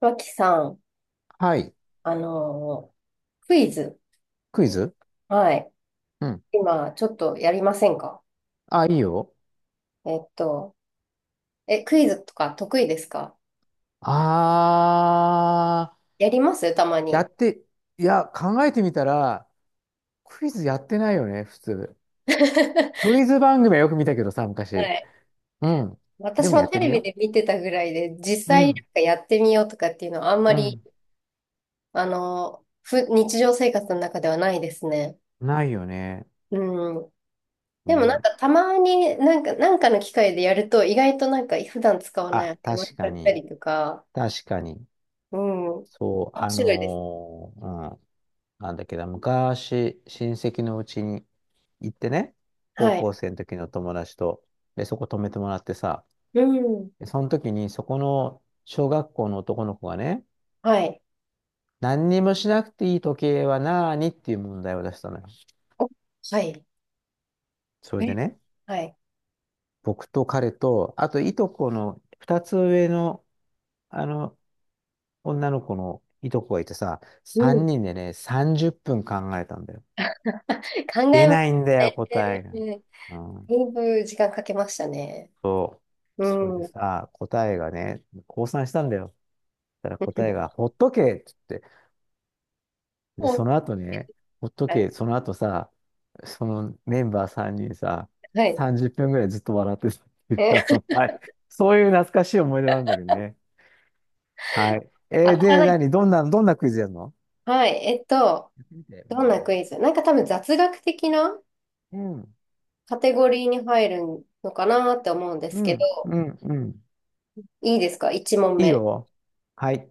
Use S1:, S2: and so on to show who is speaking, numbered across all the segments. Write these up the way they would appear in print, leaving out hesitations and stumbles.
S1: 脇さん、
S2: はい。
S1: あのークイズ。
S2: クイズ。
S1: はい。
S2: うん。
S1: 今、ちょっとやりませんか？
S2: あ、いいよ。
S1: えっと、クイズとか得意ですか？
S2: あ
S1: やりますたま
S2: ー、や
S1: に。
S2: って、いや、考えてみたら、クイズやってないよね、普通。
S1: は
S2: クイズ番組はよく見たけどさ、昔。
S1: い。
S2: うん。で
S1: 私
S2: も
S1: も
S2: やっ
S1: テ
S2: て
S1: レ
S2: み
S1: ビ
S2: よ
S1: で見てたぐらいで、実
S2: う。う
S1: 際なん
S2: ん。
S1: かやってみようとかっていうのはあんま
S2: う
S1: り、
S2: ん。
S1: あのーふ、日常生活の中ではないですね。
S2: ないよね。
S1: うん。でもなん
S2: ね。
S1: かたまになんか、なんかの機会でやると、意外となんか普段使わない
S2: あ、
S1: 頭
S2: 確
S1: 使
S2: か
S1: った
S2: に。
S1: りとか、
S2: 確かに。
S1: うん。
S2: そう、
S1: 面白いです。
S2: うん。なんだっけど、昔、親戚のうちに行ってね、高
S1: はい。
S2: 校生の時の友達と、で、そこ泊めてもらってさ、
S1: うん。
S2: でその時に、そこの小学校の男の子がね、
S1: はい。
S2: 何にもしなくていい時計は何っていう問題を出したのよ。
S1: お、はい。
S2: それで
S1: え、
S2: ね、
S1: はい。
S2: 僕と彼と、あといとこの2つ上の、あの、女の子のいとこがいてさ、
S1: うん。
S2: 3人でね、30分考えたんだよ。
S1: 考
S2: 出
S1: えまし
S2: ないんだ
S1: た
S2: よ、答えが。
S1: ね。
S2: うん、
S1: だいぶ時間かけましたね。
S2: そ
S1: う
S2: う。
S1: ん。
S2: それで
S1: も
S2: さ、答えがね、降参したんだよ。そしたら答えが、ほっとけってで、その
S1: う、
S2: 後ね、ほっと
S1: はい。
S2: け、その後さ、そのメンバー3人さ、
S1: はい。
S2: 30分ぐらいずっと笑ってたっていう、
S1: え、
S2: はい。そういう懐かしい思い出なんだけどね。はい。
S1: 当
S2: えー
S1: たら
S2: で、
S1: ない。
S2: 何どんな、どんなクイズやるの？
S1: はい。
S2: やってみて。う
S1: どん
S2: ん、
S1: なクイズなんか多分雑学的な
S2: うん、
S1: カテゴリーに入るのかなって思うんで
S2: う
S1: すけど、
S2: ん、うん。
S1: いいですか ?1 問
S2: いい
S1: 目。
S2: よ。はい。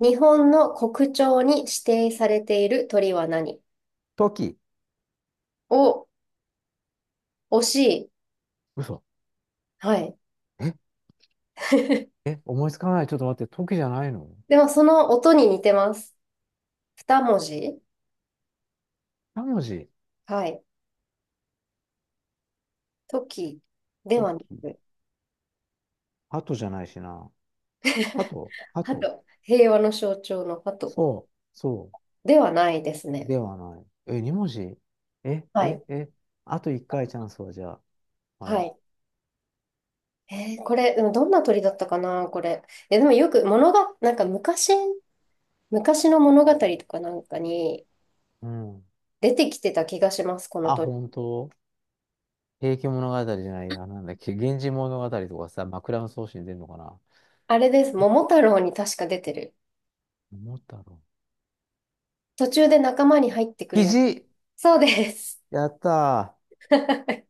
S1: 日本の国鳥に指定されている鳥は何？
S2: 時。
S1: お、惜しい。
S2: 嘘。
S1: はい。
S2: え、え、思いつかない。ちょっと待って。時じゃないの？
S1: でもその音に似てます。2文字。
S2: 三文字。
S1: はい。時で
S2: ト
S1: はな
S2: キ。
S1: く、
S2: ハトじゃないしな。ハ トハト。
S1: 鳩、平和の象徴の鳩
S2: そう、そう。
S1: ではないですね。
S2: ではない。え、二文字？え、
S1: は
S2: え、
S1: い。
S2: え、あと一回チャンスは？じゃあ、は
S1: は
S2: い。
S1: い。これ、でもどんな鳥だったかな、これ。え、でもよく物が、なんか昔、昔の物語とかなんかに
S2: うん。
S1: 出てきてた気がします、この
S2: あ、
S1: 鳥。
S2: 本当？平家物語じゃないや。なんだっけ、源氏物語とかさ、枕草子に出るのかな。
S1: あれです、桃
S2: え、
S1: 太郎に確か出てる。
S2: 桃太郎。
S1: 途中で仲間に入ってくる
S2: キ
S1: やつ。
S2: ジ。
S1: そうです。
S2: やった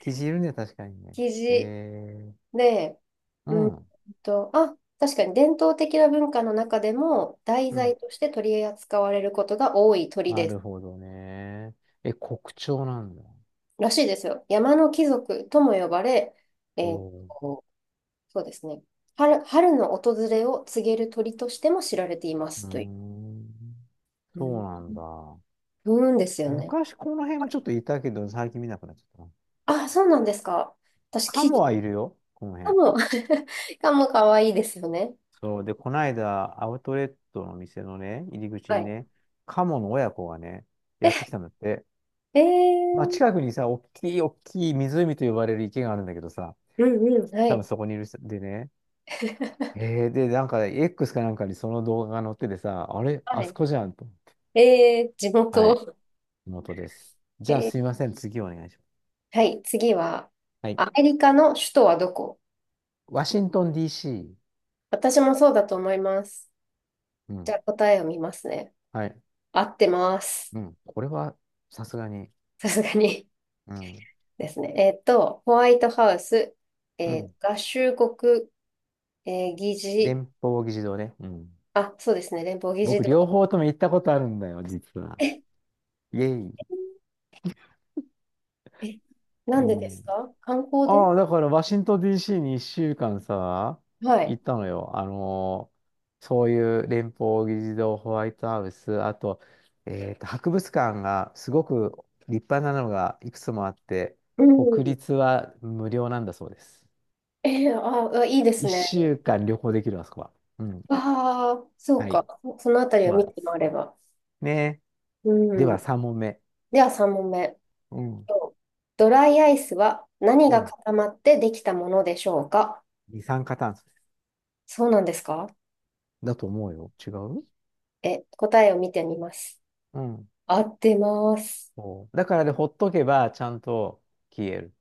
S2: ー。キジいるね、確かにね。
S1: キジ。
S2: え
S1: で、
S2: う
S1: うん
S2: ん。
S1: あ、確かに伝統的な文化の中でも題
S2: うん。
S1: 材として取り扱われることが多い鳥
S2: な
S1: で
S2: る
S1: す。
S2: ほどね。え、国鳥なんだ。
S1: らしいですよ。山の貴族とも呼ばれ、え
S2: え
S1: ー
S2: ー、
S1: と、そうですね。春の訪れを告げる鳥としても知られていま
S2: うー
S1: すという。
S2: ん。
S1: う
S2: そ
S1: ん
S2: うなんだ。
S1: ですよね。
S2: 昔この辺もちょっといたけど、最近見なくなっちゃったな。
S1: あ、そうなんですか。私、
S2: カモはいるよ、この
S1: か
S2: 辺。
S1: も、カモかも可愛いですよね。
S2: そう。で、こないだ、アウトレットの店のね、入り口
S1: は
S2: に
S1: い。
S2: ね、カモの親子がね、やってきたんだって。
S1: え
S2: まあ、
S1: ー、
S2: 近くにさ、おっきいおっきい湖と呼ばれる池があるんだけどさ、
S1: うんうん、は
S2: 多分
S1: い。
S2: そこにいる人でね。へえ、で、なんか、X かなんかにその動画が載っててさ、あれ、
S1: は
S2: あそ
S1: い。
S2: こじゃんと思って。
S1: 地
S2: はい、
S1: 元。
S2: 元です。じゃあ、すい
S1: え
S2: ません、次お願いします。
S1: はい、次は、
S2: はい。
S1: アメリカの首都はどこ？
S2: ワシントン DC。
S1: 私もそうだと思います。
S2: う
S1: じ
S2: ん。
S1: ゃあ答えを見ますね。
S2: はい。
S1: 合ってます。
S2: うん。これは、さすがに。
S1: さすがに
S2: うん。
S1: ですね。ホワイトハウス、
S2: うん。
S1: 合衆国、議事、
S2: 連邦議事堂ね。うん。
S1: あ、そうですね、連邦議事
S2: 僕、両
S1: 堂。
S2: 方とも行ったことあるんだよ、実は。
S1: え、
S2: イェイ。
S1: え、な
S2: う
S1: んでです
S2: ん。
S1: か？観光で？
S2: ああ、だから、ワシントン DC に1週間さ、
S1: はい。
S2: 行ったのよ。そういう連邦議事堂、ホワイトハウス、あと、博物館がすごく立派なのがいくつもあって、
S1: う
S2: 国
S1: ん。
S2: 立は無料なんだそうです。
S1: あ、いいですね。
S2: 1週間旅行できる、あそこは。うん。
S1: ああ、そう
S2: はい。
S1: か。そのあたり
S2: そ
S1: を
S2: うな
S1: 見
S2: んで
S1: て
S2: す。
S1: 回れば。
S2: ね。
S1: う
S2: では、
S1: ん。
S2: 3問目。
S1: では3
S2: うん。
S1: 問目。とドライアイスは何
S2: う
S1: が
S2: ん。
S1: 固まってできたものでしょうか？
S2: 二酸化炭素
S1: そうなんですか？
S2: だと思うよ。違う？
S1: え、答えを見てみます。
S2: うん。
S1: 合ってます。
S2: そうだから、で、ほっとけばちゃんと消える。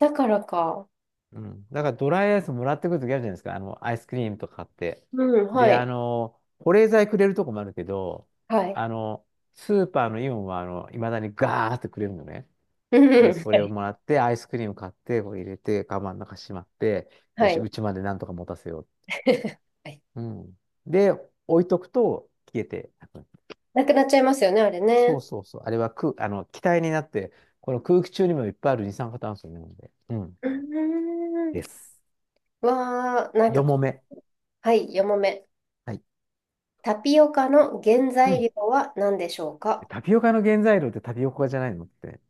S1: だからか。
S2: うん。だからドライアイスもらってくるときあるじゃないですか。アイスクリームとか買って。
S1: うん、は
S2: で、
S1: い。
S2: 保冷剤くれるとこもあるけど、
S1: はい。
S2: あの、スーパーのイオンは、いまだにガーってくれるのね。
S1: う
S2: で、
S1: ん、
S2: そ
S1: は
S2: れを
S1: い。
S2: もらって、アイスクリーム買って、こう入れて、カバンの中しまって、よ
S1: は
S2: し、
S1: い。
S2: うちまでなんとか持たせよ
S1: はい。
S2: う。うん。で、置いとくと消えてなくなる。
S1: なくなっちゃいますよね、あれ
S2: そう
S1: ね。
S2: そうそう。あれは空、あの、気体になって、この空気中にもいっぱいある二酸化炭素なので。うん。
S1: うーん。
S2: です。
S1: わー、なんか
S2: よ
S1: こ、
S2: もめ。
S1: はい、4問目。
S2: はい。
S1: タピオカの原
S2: う
S1: 材
S2: ん。
S1: 料は何でしょうか？
S2: タピオカの原材料ってタピオカじゃないのって。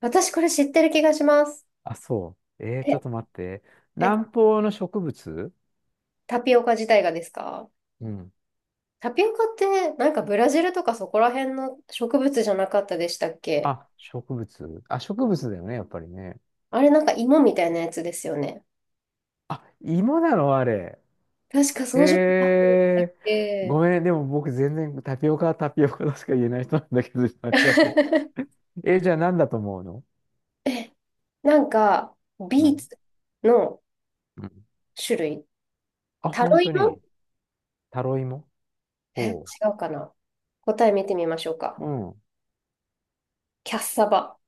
S1: 私これ知ってる気がします。
S2: あ、そう。ちょっ
S1: え、
S2: と待って。
S1: え、
S2: 南方の植物。
S1: タピオカ自体がですか？
S2: うん。
S1: タピオカってなんかブラジルとかそこら辺の植物じゃなかったでしたっけ？
S2: あ、植物。あ、植物だよね、やっぱりね。
S1: あれなんか芋みたいなやつですよね。
S2: あ、芋なのあれ？
S1: 確か
S2: へ
S1: そうじゃなかったっ
S2: え。ご
S1: け？
S2: めんね、でも僕全然タピオカはタピオカとしか言えない人なんだけど、じゃあ何だと思うの？
S1: え、なんか
S2: う
S1: ビー
S2: ん。
S1: ツの
S2: うん。
S1: 種類。
S2: あ、
S1: タ
S2: 本
S1: ロイ
S2: 当
S1: モ？
S2: に？タロイモ？
S1: え、違
S2: おう。
S1: うかな？答え見てみましょうか。
S2: うん。
S1: キャッサバ。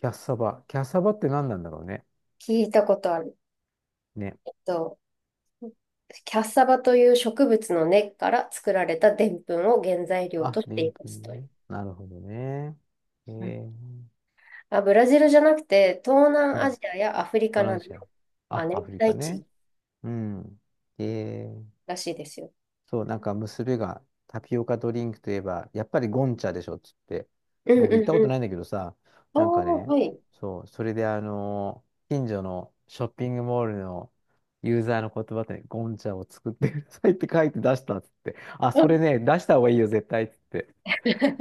S2: キャッサバ。キャッサバって何なんだろうね。
S1: 聞いたことある。
S2: ね。
S1: えっと、キャッサバという植物の根っから作られた澱粉を原材料と
S2: あ、
S1: し
S2: で
S1: て
S2: ん
S1: いま
S2: ぷ
S1: す
S2: ん
S1: と。
S2: ね。なるほどね。うん。
S1: あ、ブラジルじゃなくて、東南ア
S2: 東
S1: ジアやアフリカ
S2: 南
S1: な
S2: ア
S1: ど
S2: ジア。
S1: の亜
S2: あ、アフ
S1: 熱
S2: リカ
S1: 帯地
S2: ね。
S1: 域
S2: うん。えー
S1: らしいですよ。
S2: そう、なんか娘がタピオカドリンクといえば、やっぱりゴンチャでしょっつって、
S1: うん
S2: 僕行っ
S1: う
S2: た
S1: ん
S2: こ
S1: う
S2: と
S1: ん。
S2: ないんだけどさ、なんか
S1: おー、
S2: ね、
S1: はい。
S2: そう、それで近所のショッピングモールのユーザーの言葉で、ね、ゴンチャを作ってくださいって書いて出したっつって、あ、
S1: う
S2: そ
S1: ん
S2: れね、出した方がいいよ、絶対っつって、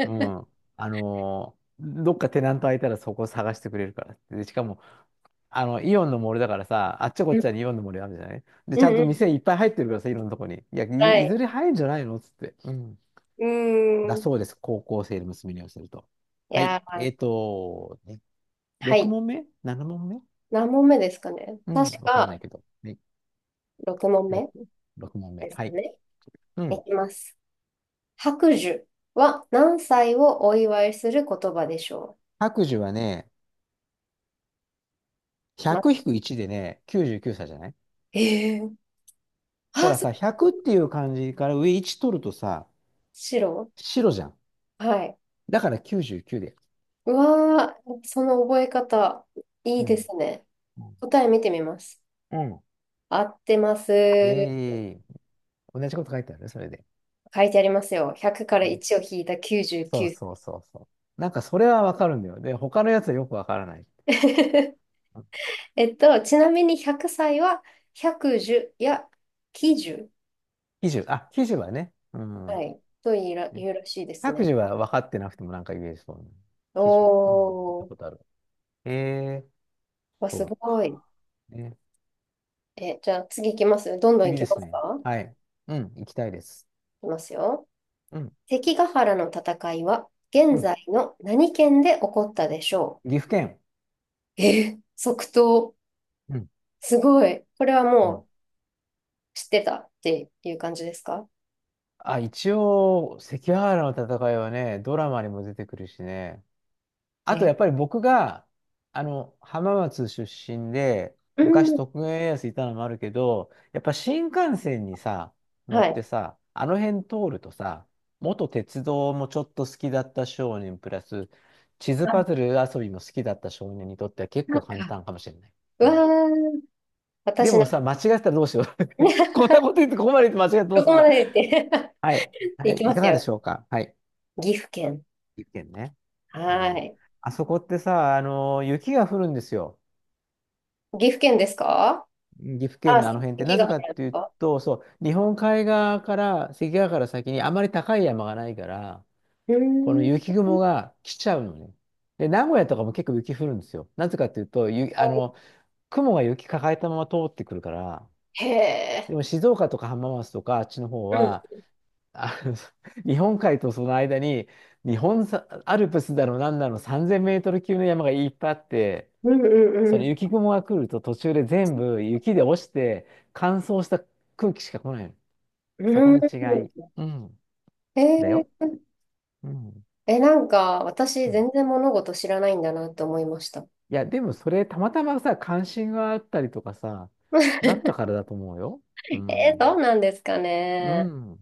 S2: うん、どっかテナント空いたらそこ探してくれるからって。で、しかも、イオンの森だからさ、あっちゃこっ
S1: うん
S2: ちゃにイオンの森あるじゃないで、
S1: う
S2: ち
S1: ん
S2: ゃんと
S1: うん。
S2: 店いっぱい入ってるからさ、いろんなとこに。いや、
S1: は
S2: いず
S1: い。
S2: れ入るんじゃないのつって。うん。
S1: う
S2: だ
S1: ーん。
S2: そうです。高校生の娘に寄せると。
S1: い
S2: はい。
S1: やー、
S2: ね、
S1: は
S2: 6
S1: い。
S2: 問目？ 7 問目？
S1: 何問目ですかね。
S2: うん。
S1: 確
S2: わかんな
S1: か
S2: いけど。ね、
S1: 6問
S2: 6、6問目。
S1: 目です
S2: は
S1: か
S2: い。
S1: ね。
S2: うん。
S1: いきます。白寿は何歳をお祝いする言葉でしょ
S2: 白寿はね、
S1: う？ま、
S2: 100-1でね、99歳。じゅうきゅうさいじゃない？
S1: えー、
S2: ほ
S1: あ、
S2: ら
S1: そ
S2: さ、
S1: れ、
S2: 100っていう漢字から上1取るとさ、
S1: 白。
S2: 白じゃん。
S1: はい。
S2: だから99で。
S1: うわー、その覚え方、い
S2: う
S1: い
S2: ん。
S1: ですね。
S2: うん。
S1: 答え見てみます。
S2: うん。
S1: 合ってます。
S2: イェーイ。同じこと書いてあるね、それで。
S1: 書いてありますよ。100から
S2: うん。
S1: 1を引いた
S2: そう
S1: 99。
S2: そうそうそう。なんかそれはわかるんだよ。で、他のやつはよくわからない。
S1: ちなみに100歳は百1や90、
S2: 記事、あ、記事はね。う
S1: は
S2: ん。
S1: い、というら、
S2: ね、
S1: 言うらしいです
S2: 白
S1: ね。
S2: 事は分かってなくてもなんか言えそうな。
S1: お
S2: 記事。うん。聞いた
S1: ー、
S2: ことある。ええ、
S1: わ、す
S2: そう
S1: ごい。
S2: か。ね。
S1: え、じゃあ次行きます。どんどん行
S2: 次
S1: き
S2: で
S1: ま
S2: す
S1: す
S2: ね。
S1: か？行
S2: はい。うん、行きたいです。
S1: きますよ。
S2: うん、
S1: 関ヶ原の戦いは
S2: う
S1: 現
S2: ん。
S1: 在の何県で起こったでしょ
S2: 岐阜県。
S1: う？え、即答。
S2: うん、
S1: すごい。これは
S2: うん。
S1: もう知ってたっていう感じですか？
S2: あ、一応、関ヶ原の戦いはね、ドラマにも出てくるしね。あとや
S1: え
S2: っぱり僕が、浜松出身で、
S1: う
S2: 昔
S1: ん
S2: 徳川家康いたのもあるけど、やっぱ新幹線にさ、乗
S1: は
S2: って
S1: い。
S2: さ、あの辺通るとさ、元鉄道もちょっと好きだった少年、プラス地図パズル遊びも好きだった少年にとっては結
S1: な
S2: 構
S1: ん
S2: 簡
S1: か、
S2: 単かもしれない。
S1: う
S2: う
S1: わ
S2: ん。
S1: ー、
S2: で
S1: 私な、
S2: もさ、間違ってたらどうしよう。こん なこと言ってここまで言って間違ってど
S1: ど
S2: うす
S1: こ
S2: ん
S1: ま
S2: だ。
S1: で言って
S2: はい。は
S1: 行
S2: い。
S1: き
S2: い
S1: ま
S2: か
S1: す
S2: がで
S1: よ。
S2: しょうか。はい。
S1: 岐阜県。
S2: 一見ね。う
S1: は
S2: ん。
S1: い。
S2: あそこってさ、雪が降るんですよ。
S1: 岐阜県ですか？
S2: 岐阜県
S1: あ、
S2: のあの辺って
S1: 関
S2: な
S1: が
S2: ぜ
S1: 入
S2: かっ
S1: るんで
S2: てい
S1: す
S2: う
S1: か？
S2: と、そう、日本海側から、関ヶ原から先にあまり高い山がないから、
S1: うー
S2: この
S1: ん。
S2: 雪雲が来ちゃうのね。で、名古屋とかも結構雪降るんですよ。なぜかっていうと、ゆ、あの、雲が雪抱えたまま通ってくるから、
S1: へえ。
S2: でも静岡とか浜松とかあっちの方
S1: う
S2: は、
S1: ん。
S2: あの 日本海とその間に、日本さアルプスだの何だの3000メートル級の山がいっぱいあって、
S1: うん
S2: そ
S1: う
S2: の
S1: ん
S2: 雪雲が来ると途中で全部雪で落ちて乾燥した空気しか来ないの。
S1: う
S2: そこ
S1: ん。うん。
S2: の違い。うん。
S1: へ
S2: だ
S1: え
S2: よ。
S1: ー、
S2: うん。
S1: え、なんか、
S2: う
S1: 私、
S2: ん。
S1: 全然物事知らないんだなって思いました。
S2: いや、でもそれたまたまさ、関心があったりとかさ、だったか らだと思うよ。う
S1: そ
S2: ん。
S1: うなんですか
S2: う
S1: ね。
S2: ん。